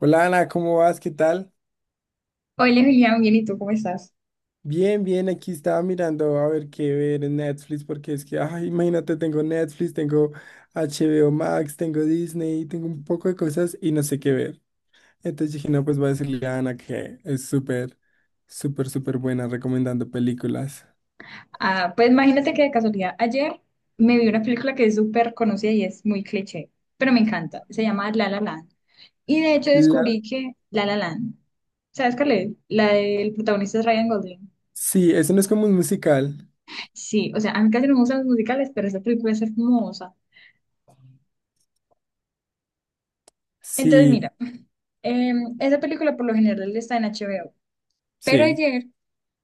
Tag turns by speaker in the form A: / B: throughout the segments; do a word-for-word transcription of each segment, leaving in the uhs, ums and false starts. A: Hola Ana, ¿cómo vas? ¿Qué tal?
B: Hola Julián, bien, ¿y tú cómo estás?
A: Bien, bien, aquí estaba mirando a ver qué ver en Netflix, porque es que, ay, imagínate, tengo Netflix, tengo H B O Max, tengo Disney, tengo un poco de cosas y no sé qué ver. Entonces dije, no, pues voy a decirle a Ana que es súper, súper, súper buena recomendando películas.
B: Ah, pues imagínate que de casualidad ayer me vi una película que es súper conocida y es muy cliché, pero me encanta. Se llama La La Land. Y de hecho
A: La-
B: descubrí que La La Land, ¿sabes cuál es? La del protagonista es Ryan Gosling.
A: Sí, eso no es como un musical.
B: Sí, o sea, a mí casi no me gustan los musicales, pero esa película es hermosa. Entonces,
A: Sí,
B: mira, em, esa película por lo general está en H B O, pero
A: sí.
B: ayer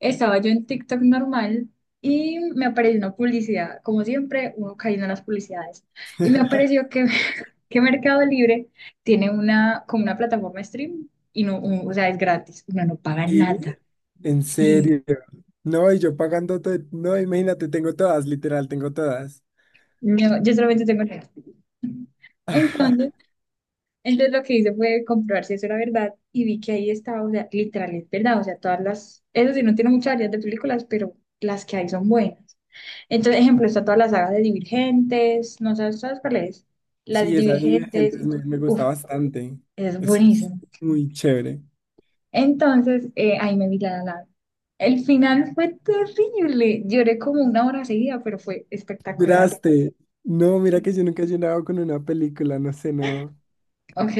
B: estaba yo en TikTok normal y me apareció una publicidad. Como siempre, uno cayendo en las publicidades. Y me apareció que, que Mercado Libre tiene una, como una plataforma de stream y no, u- o sea, es gratis. Uno no paga
A: Sí,
B: nada.
A: en
B: Sí,
A: serio. No, y yo pagando todo, no, imagínate, tengo todas, literal, tengo todas.
B: no, yo solamente tengo Netflix. Entonces, entonces lo que hice fue comprobar si eso era verdad y vi que ahí estaba, o sea, literal, es verdad. O sea, todas las, eso sí, no tiene muchas variedad de películas, pero las que hay son buenas. Entonces, ejemplo, está toda la saga de Divergentes, no sabes, ¿sabes cuál es? La de
A: Sí, esa de
B: Divergentes,
A: Divergentes
B: y
A: me,
B: tú-
A: me gusta
B: uf,
A: bastante.
B: es
A: Es
B: buenísimo.
A: muy chévere.
B: Entonces, eh, ahí me vi la La Land. El final fue terrible, lloré como una hora seguida, pero fue espectacular.
A: ¿Lloraste? No, mira que yo nunca he llorado con una película, no sé, no.
B: Ok,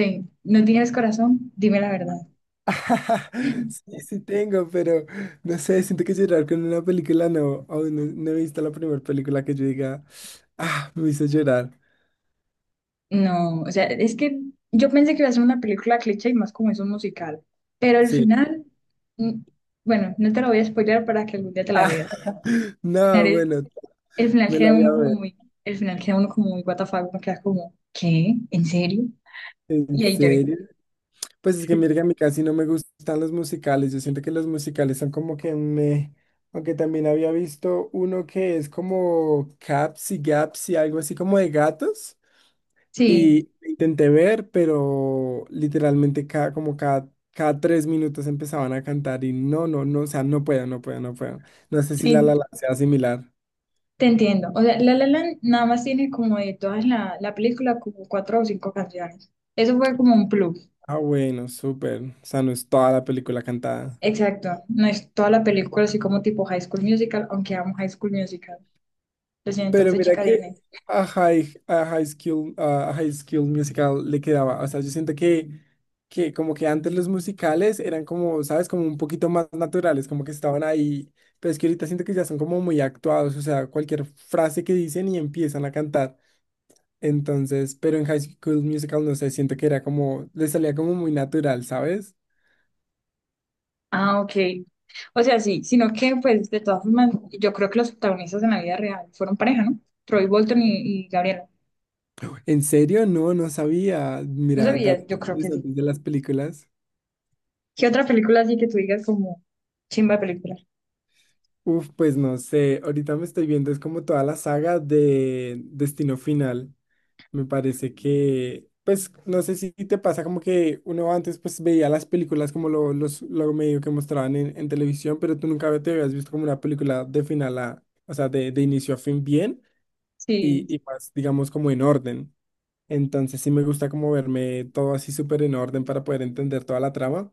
B: no tienes corazón, dime la verdad.
A: Sí, sí tengo, pero no sé, siento que llorar con una película no. Aún no, no he visto la primera película que yo diga, ah, me hizo llorar.
B: No, o sea, es que yo pensé que iba a ser una película cliché y más como es un musical, pero al
A: Sí.
B: final, mm, bueno, no te lo voy a spoiler para que algún día te
A: Ah,
B: la veas.
A: No, bueno,
B: El final
A: me la
B: queda
A: voy
B: uno
A: a
B: como
A: ver.
B: muy, el final queda uno como muy what the fuck, uno queda como, ¿qué? ¿En serio?
A: ¿En
B: Y ahí lloré.
A: serio? Pues es que mira que a mí casi no me gustan los musicales. Yo siento que los musicales son como que me... Aunque también había visto uno que es como Caps y Gaps y algo así como de gatos.
B: Sí,
A: Y intenté ver, pero literalmente cada, como cada, cada tres minutos empezaban a cantar y no, no, no, o sea, no puedo, no puedo, no puedo. No sé si La La
B: sí,
A: Land sea similar.
B: te entiendo. O sea, La La Land nada más tiene como de todas la, la película como cuatro o cinco canciones. Eso fue como un plus.
A: Ah, bueno, súper. O sea, no es toda la película cantada.
B: Exacto, no es toda la película así como tipo High School Musical, aunque amo High School Musical. Lo siento,
A: Pero
B: entonces
A: mira
B: chica
A: que
B: Disney.
A: a High, a High School, a High School Musical le quedaba. O sea, yo siento que, que como que antes los musicales eran como, ¿sabes? Como un poquito más naturales, como que estaban ahí. Pero es que ahorita siento que ya son como muy actuados. O sea, cualquier frase que dicen y empiezan a cantar. Entonces, pero en High School Musical, no sé, siento que era como, le salía como muy natural, ¿sabes?
B: Ah, ok. O sea, sí, sino que pues de todas formas, yo creo que los protagonistas en la vida real fueron pareja, ¿no? Troy Bolton y, y Gabriela.
A: ¿En serio? No, no sabía.
B: No
A: Mira,
B: sabía,
A: datos
B: yo creo que sí.
A: interesantes de las películas.
B: ¿Qué otra película así que tú digas como chimba de película?
A: Uf, pues no sé, ahorita me estoy viendo, es como toda la saga de Destino Final. Me parece que, pues no sé si te pasa como que uno antes pues veía las películas como lo, los, lo medio que mostraban en, en televisión, pero tú nunca te habías visto como una película de final a, o sea, de, de inicio a fin bien
B: Sí.
A: y, y más, digamos, como en orden. Entonces sí me gusta como verme todo así súper en orden para poder entender toda la trama.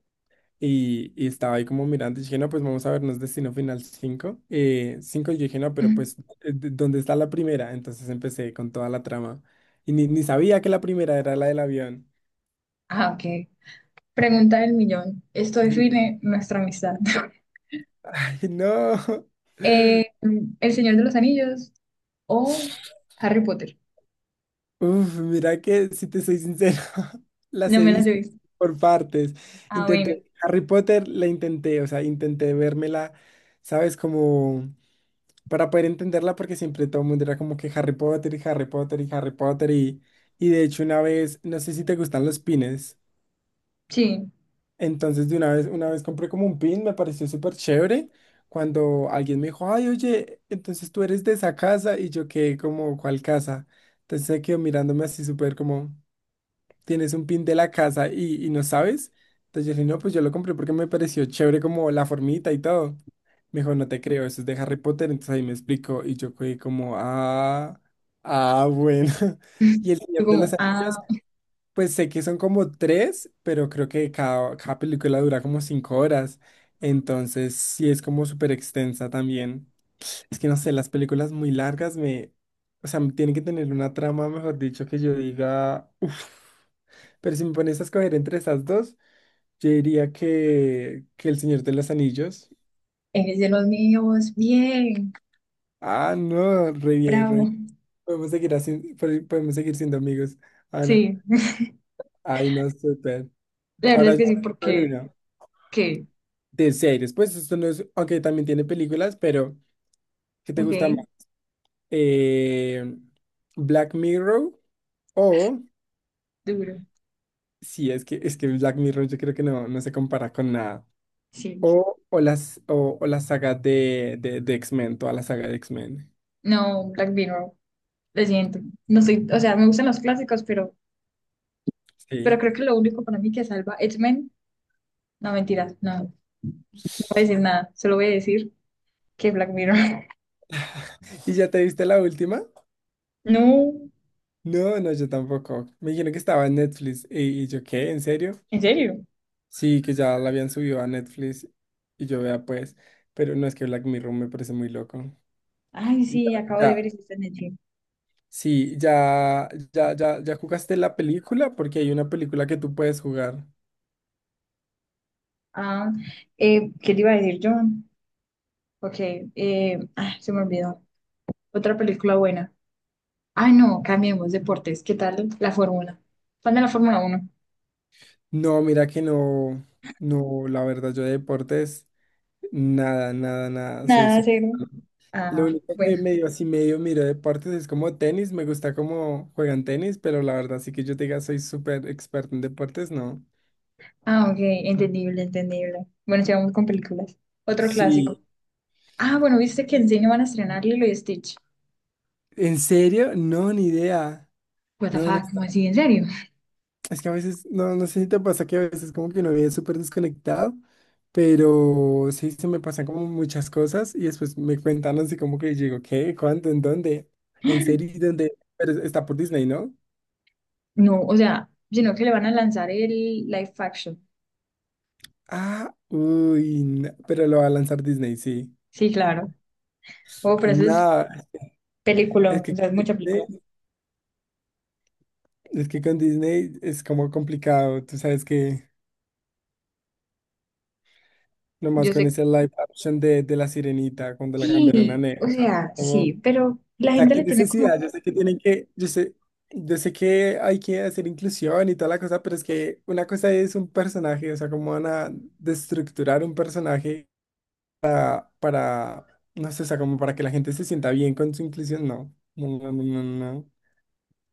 A: Y, y estaba ahí como mirando y dije, no, pues vamos a vernos Destino Final cinco Eh, cinco y yo dije, no, pero
B: Mm.
A: pues, eh, d- ¿dónde está la primera? Entonces empecé con toda la trama. Y ni, ni sabía que la primera era la del avión.
B: Ah, ok. Pregunta del millón. Esto
A: Dije,
B: define nuestra amistad.
A: Ay, no.
B: Eh, ¿El Señor de los Anillos o Harry Potter?
A: Uf, mira que, si te soy sincero, las
B: No
A: he
B: me las he
A: visto
B: visto.
A: por partes.
B: Ah, bueno.
A: Intenté, Harry Potter la intenté, o sea, intenté vérmela, ¿sabes? Como... para poder entenderla porque siempre todo el mundo era como que Harry Potter y Harry Potter y Harry Potter y, y de hecho una vez, no sé si te gustan los pines,
B: Sí.
A: entonces de una vez, una vez compré como un pin, me pareció súper chévere cuando alguien me dijo, ay, oye, entonces tú eres de esa casa y yo quedé como, ¿cuál casa? Entonces se quedó mirándome así súper como tienes un pin de la casa y, y no sabes. Entonces yo le dije, no, pues yo lo compré porque me pareció chévere como la formita y todo. Me dijo, no te creo, eso es de Harry Potter. Entonces ahí me explicó y yo fui como, ah, ah, bueno. Y El
B: Tú
A: Señor de los
B: como,
A: Anillos,
B: ah,
A: pues sé que son como tres, pero creo que cada, cada película dura como cinco horas. Entonces sí es como súper extensa también. Es que no sé, las películas muy largas me, o sea, tienen que tener una trama, mejor dicho, que yo diga, uff. Pero si me pones a escoger entre esas dos, yo diría que, que El Señor de los Anillos.
B: eres de los míos. Bien.
A: Ah, no, re bien, re
B: Bravo.
A: bien. Podemos seguir así, pod- podemos seguir siendo amigos, Ana.
B: Sí.
A: Ay, no, súper.
B: La verdad
A: Ahora
B: es
A: yo
B: que sí,
A: con
B: porque,
A: una.
B: ¿qué?
A: De series, pues esto no es, aunque también tiene películas, pero ¿qué te gusta más?
B: Ok.
A: Eh, Black Mirror o,
B: Duro.
A: sí, es que, es que Black Mirror yo creo que no, no se compara con nada.
B: Sí.
A: O, o las, o, o la saga de, de, de X-Men, toda la saga de X-Men.
B: No, Black Mirror. Lo siento. No soy, o sea, me gustan los clásicos, pero Pero
A: Sí.
B: creo que lo único para mí que salva X-Men, no mentiras, no, no voy a decir nada, solo voy a decir que Black Mirror.
A: ¿Y ya te viste la última?
B: No,
A: No, no, yo tampoco. Me dijeron que estaba en Netflix. ¿Y, y yo qué? ¿En serio?
B: en serio.
A: Sí, que ya la habían subido a Netflix. Y yo vea, pues. Pero no es que Black Mirror me parece muy loco.
B: Ay,
A: Y ya,
B: sí, acabo de
A: ya,
B: ver y sí está en Netflix.
A: sí, ya, ya, ya, ya jugaste la película porque hay una película que tú puedes jugar.
B: Ah, eh, ¿qué te iba a decir, John? Ok, eh, ah, se me olvidó. Otra película buena. Ay, no, cambiemos deportes. ¿Qué tal la Fórmula? ¿Cuándo la Fórmula Uno
A: No, mira que no, no, la verdad, yo de deportes, nada, nada, nada. Soy
B: nada,
A: súper.
B: cero.
A: Lo
B: Ah,
A: único que
B: bueno.
A: medio así medio miro deportes es como tenis, me gusta cómo juegan tenis, pero la verdad sí que yo te diga soy súper experto en deportes, no.
B: Ah, ok, entendible, entendible. Bueno, sigamos con películas. Otro clásico.
A: Sí.
B: Ah, bueno, viste que en cine van a estrenar Lilo y Stitch.
A: ¿En serio? No, ni idea.
B: What the
A: No, no
B: fuck,
A: está-
B: ¿cómo así? ¿En serio?
A: es que a veces, no, no sé si te pasa que a veces como que uno vive súper desconectado, pero sí se me pasan como muchas cosas y después me cuentan así como que digo, ¿qué? ¿Cuánto? ¿En dónde? ¿En serio? ¿Y ¿Dónde? Pero está por Disney, ¿no?
B: No, o sea, sino que le van a lanzar el live action.
A: Ah, uy, no, pero lo va a lanzar Disney, sí.
B: Sí, claro. Oh, pero eso es
A: No. Es
B: película, o
A: que,
B: sea, es mucha película.
A: es que con Disney es como complicado. Tú sabes que nomás
B: Yo
A: con
B: sé.
A: ese live action de, de La Sirenita, cuando la cambiaron a
B: Sí, o
A: negra. O sea,
B: sea,
A: como,
B: sí,
A: o
B: pero la
A: sea,
B: gente
A: qué
B: le pone como
A: necesidad. Yo
B: que
A: sé que tienen que, yo sé, yo sé que hay que hacer inclusión y toda la cosa, pero es que una cosa es un personaje, o sea, cómo van a destructurar un personaje para, no sé, o sea, como para que la gente se sienta bien con su inclusión. No, no, no, no, no. No.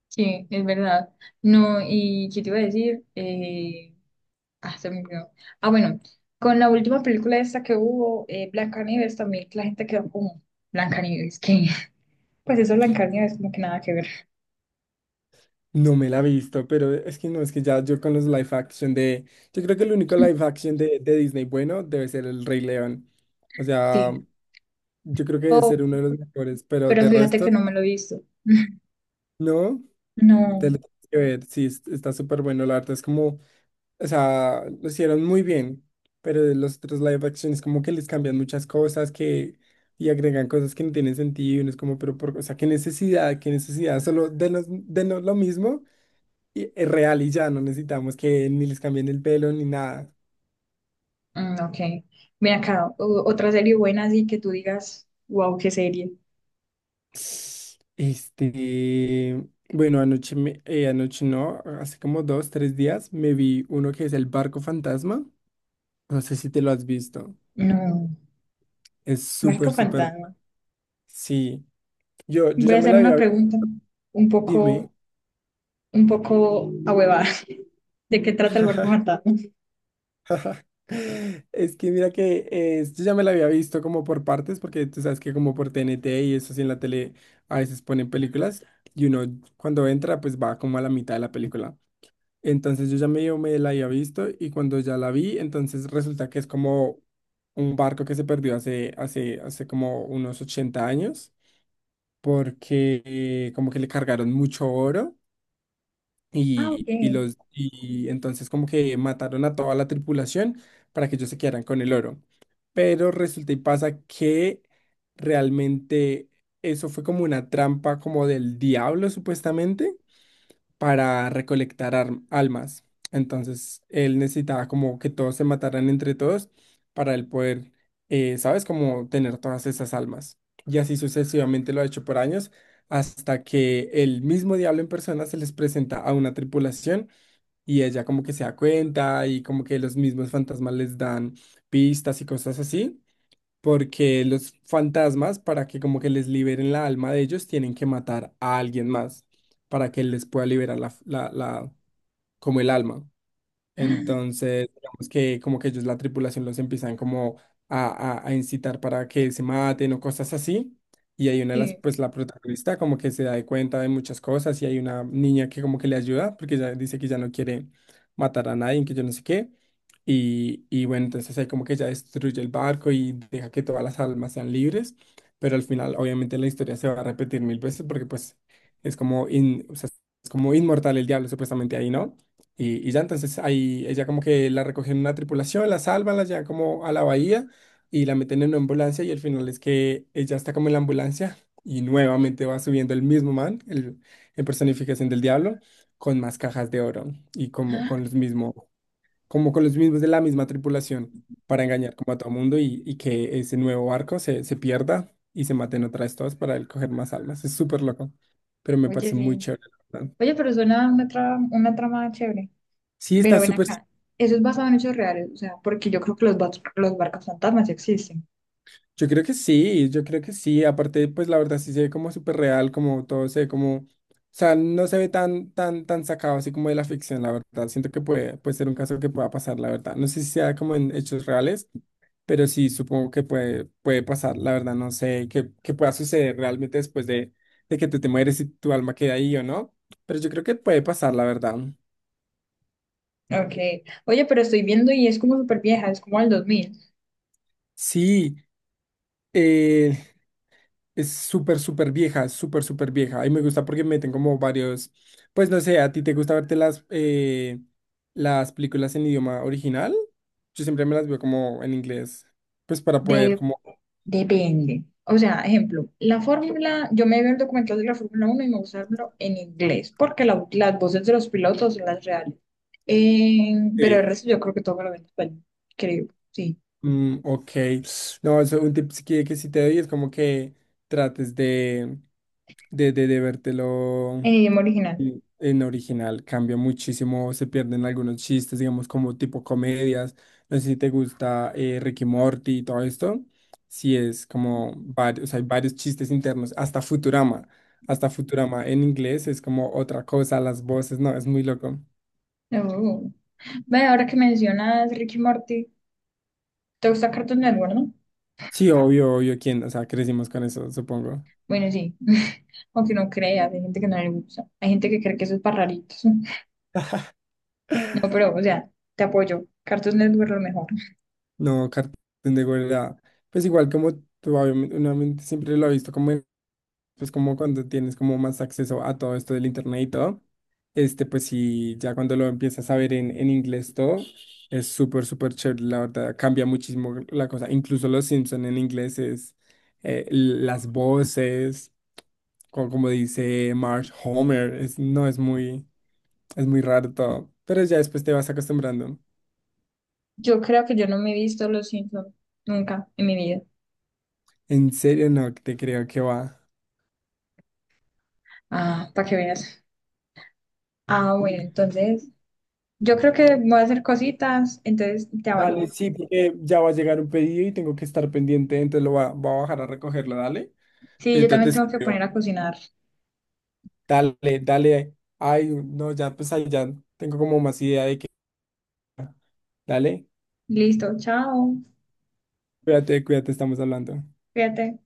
B: sí, es verdad. No, y ¿qué te iba a decir? Eh, ah, se me olvidó. Ah, bueno, con la última película esta que hubo, eh, Blancanieves, también la gente quedó como Blancanieves, ¿qué? Pues eso Blancanieves como que nada que ver.
A: No me la he visto, pero es que no, es que ya yo con los live action de. Yo creo que el único live action de, de Disney bueno debe ser El Rey León. O sea,
B: Sí.
A: yo creo que debe
B: Oh,
A: ser uno de los mejores, pero
B: pero
A: de
B: fíjate
A: resto,
B: que no me lo he visto.
A: no. Te
B: No.
A: lo tienes que ver, sí, es- está súper bueno. La arte es como. O sea, lo hicieron muy bien, pero de los otros live action es como que les cambian muchas cosas que. Y agregan cosas que no tienen sentido. Y uno es como, pero por, o sea, qué necesidad, qué necesidad, solo denos, denos lo mismo y- es real y ya no necesitamos que ni les cambien el pelo ni nada.
B: Mm, ok. Mira acá, o- otra serie buena así que tú digas, wow, qué serie.
A: Este, bueno, anoche, me- eh, anoche no, hace como dos, tres días me vi uno que es El Barco Fantasma. No sé si te lo has visto.
B: No,
A: Es
B: barco
A: súper, súper.
B: Fantasma.
A: Sí, yo, yo
B: Voy
A: ya
B: a
A: me
B: hacer
A: la
B: una
A: había visto.
B: pregunta un
A: Dime.
B: poco, un poco ahuevada. ¿De qué trata el Barco Fantasma?
A: Es que mira que eh, yo ya me la había visto como por partes, porque tú sabes que como por T N T y eso así en la tele a veces ponen películas y uno cuando entra pues va como a la mitad de la película. Entonces yo ya medio me la había visto y cuando ya la vi, entonces resulta que es como un barco que se perdió hace, hace, hace como unos ochenta años porque eh, como que le cargaron mucho oro
B: Ah, ok.
A: y, y los y entonces como que mataron a toda la tripulación para que ellos se quedaran con el oro. Pero resulta y pasa que realmente eso fue como una trampa como del diablo supuestamente para recolectar arm- almas. Entonces él necesitaba como que todos se mataran entre todos para él poder, eh, ¿sabes? Como tener todas esas almas. Y así sucesivamente lo ha hecho por años hasta que el mismo diablo en persona se les presenta a una tripulación y ella como que se da cuenta y como que los mismos fantasmas les dan pistas y cosas así. Porque los fantasmas, para que como que les liberen la alma de ellos, tienen que matar a alguien más para que les pueda liberar la, la, la- como el alma. Entonces, digamos que como que ellos, la tripulación, los empiezan como a, a- a incitar para que se maten o cosas así. Y hay una de las,
B: Sí.
A: pues la protagonista como que se da de cuenta de muchas cosas y hay una niña que como que le ayuda porque ella dice que ya no quiere matar a nadie, que yo no sé qué. Y, y bueno, entonces ahí como que ella destruye el barco y deja que todas las almas sean libres. Pero al final, obviamente, la historia se va a repetir mil veces porque pues es como, in- o sea, es como inmortal el diablo supuestamente ahí, ¿no? Y, y ya entonces ahí ella como que la recogen en una tripulación, la salvan, la llevan como a la bahía y la meten en una ambulancia y al final es que ella está como en la ambulancia y nuevamente va subiendo el mismo man, el, en personificación del diablo, con más cajas de oro y como con los mismos, como con los mismos de la misma tripulación para engañar como a todo mundo y, y que ese nuevo barco se, se pierda y se maten otra vez todos para él coger más almas. Es súper loco, pero me
B: Oye,
A: parece muy
B: sí.
A: chévere, la verdad.
B: Oye, pero suena una trama, una trama chévere.
A: Sí, está
B: Pero ven
A: súper...
B: acá. Eso es basado en hechos reales, o sea, porque yo creo que los, bas- los barcos fantasmas sí existen.
A: Yo creo que sí, yo creo que sí. Aparte, pues la verdad sí se ve como súper real, como todo se ve como, o sea, no se ve tan, tan, tan sacado así como de la ficción, la verdad. Siento que puede, puede ser un caso que pueda pasar, la verdad. No sé si sea como en hechos reales, pero sí supongo que puede, puede pasar, la verdad. No sé qué, qué pueda suceder realmente después de, de que te te mueres y tu alma queda ahí o no. Pero yo creo que puede pasar, la verdad.
B: Ok. Oye, pero estoy viendo y es como súper vieja, es como del dos mil
A: Sí. eh, Es súper, súper vieja, súper, súper vieja. Y me gusta porque meten como varios, pues no sé, ¿a ti te gusta verte las, eh, las películas en idioma original? Yo siempre me las veo como en inglés, pues para poder
B: De
A: como...
B: depende. O sea, ejemplo, la fórmula, yo me vi el documental de la Fórmula uno y me gusta verlo en inglés, porque la- las voces de los pilotos son las reales. Eh, pero el
A: eh,
B: resto yo creo que todo me lo ven en español, creo, sí,
A: mm, ok, no, eso, un tip que, que sí te doy es como que trates de, de, de, de vértelo.
B: en idioma original.
A: en en original cambia muchísimo, se pierden algunos chistes, digamos, como tipo comedias. No sé si te gusta eh, Rick y Morty y todo esto. Sí, es como varios, hay varios chistes internos, hasta Futurama. Hasta Futurama en inglés es como otra cosa, las voces, no, es muy loco.
B: Oh. Ve, ahora que mencionas Ricky Morty, ¿te gusta Cartoon Network, no?
A: Sí, obvio, obvio, quién, o sea, crecimos con eso, supongo.
B: Bueno, sí, aunque no creas, hay gente que no le gusta, hay gente que cree que eso es para raritos. No, pero, o sea, te apoyo, Cartoon Network lo mejor.
A: No, Cartoon de era, pues igual como tú, obviamente, uno siempre lo ha visto como en pues como cuando tienes como más acceso a todo esto del internet y todo, este, pues sí, ya cuando lo empiezas a ver en, en inglés todo, es súper, súper chévere, la verdad, cambia muchísimo la cosa, incluso los Simpson en inglés es eh, las voces, co- como, dice Marge Homer, es, no, es muy, es muy raro todo, pero ya después te vas acostumbrando.
B: Yo creo que yo no me he visto Los Simpsons nunca en mi vida.
A: En serio, no, te creo que va.
B: Ah, para que veas. Ah, bueno, entonces yo creo que voy a hacer cositas, entonces te
A: Dale,
B: abandono.
A: sí, porque ya va a llegar un pedido y tengo que estar pendiente, entonces lo va, va a bajar a recogerlo, dale.
B: Sí, yo
A: Ahorita
B: también
A: te
B: tengo que poner
A: escribo.
B: a cocinar.
A: Dale, dale. Ay, no, ya pues ahí ya tengo como más idea de que. Dale,
B: Listo, chao,
A: cuídate, cuídate, estamos hablando.
B: fíjate.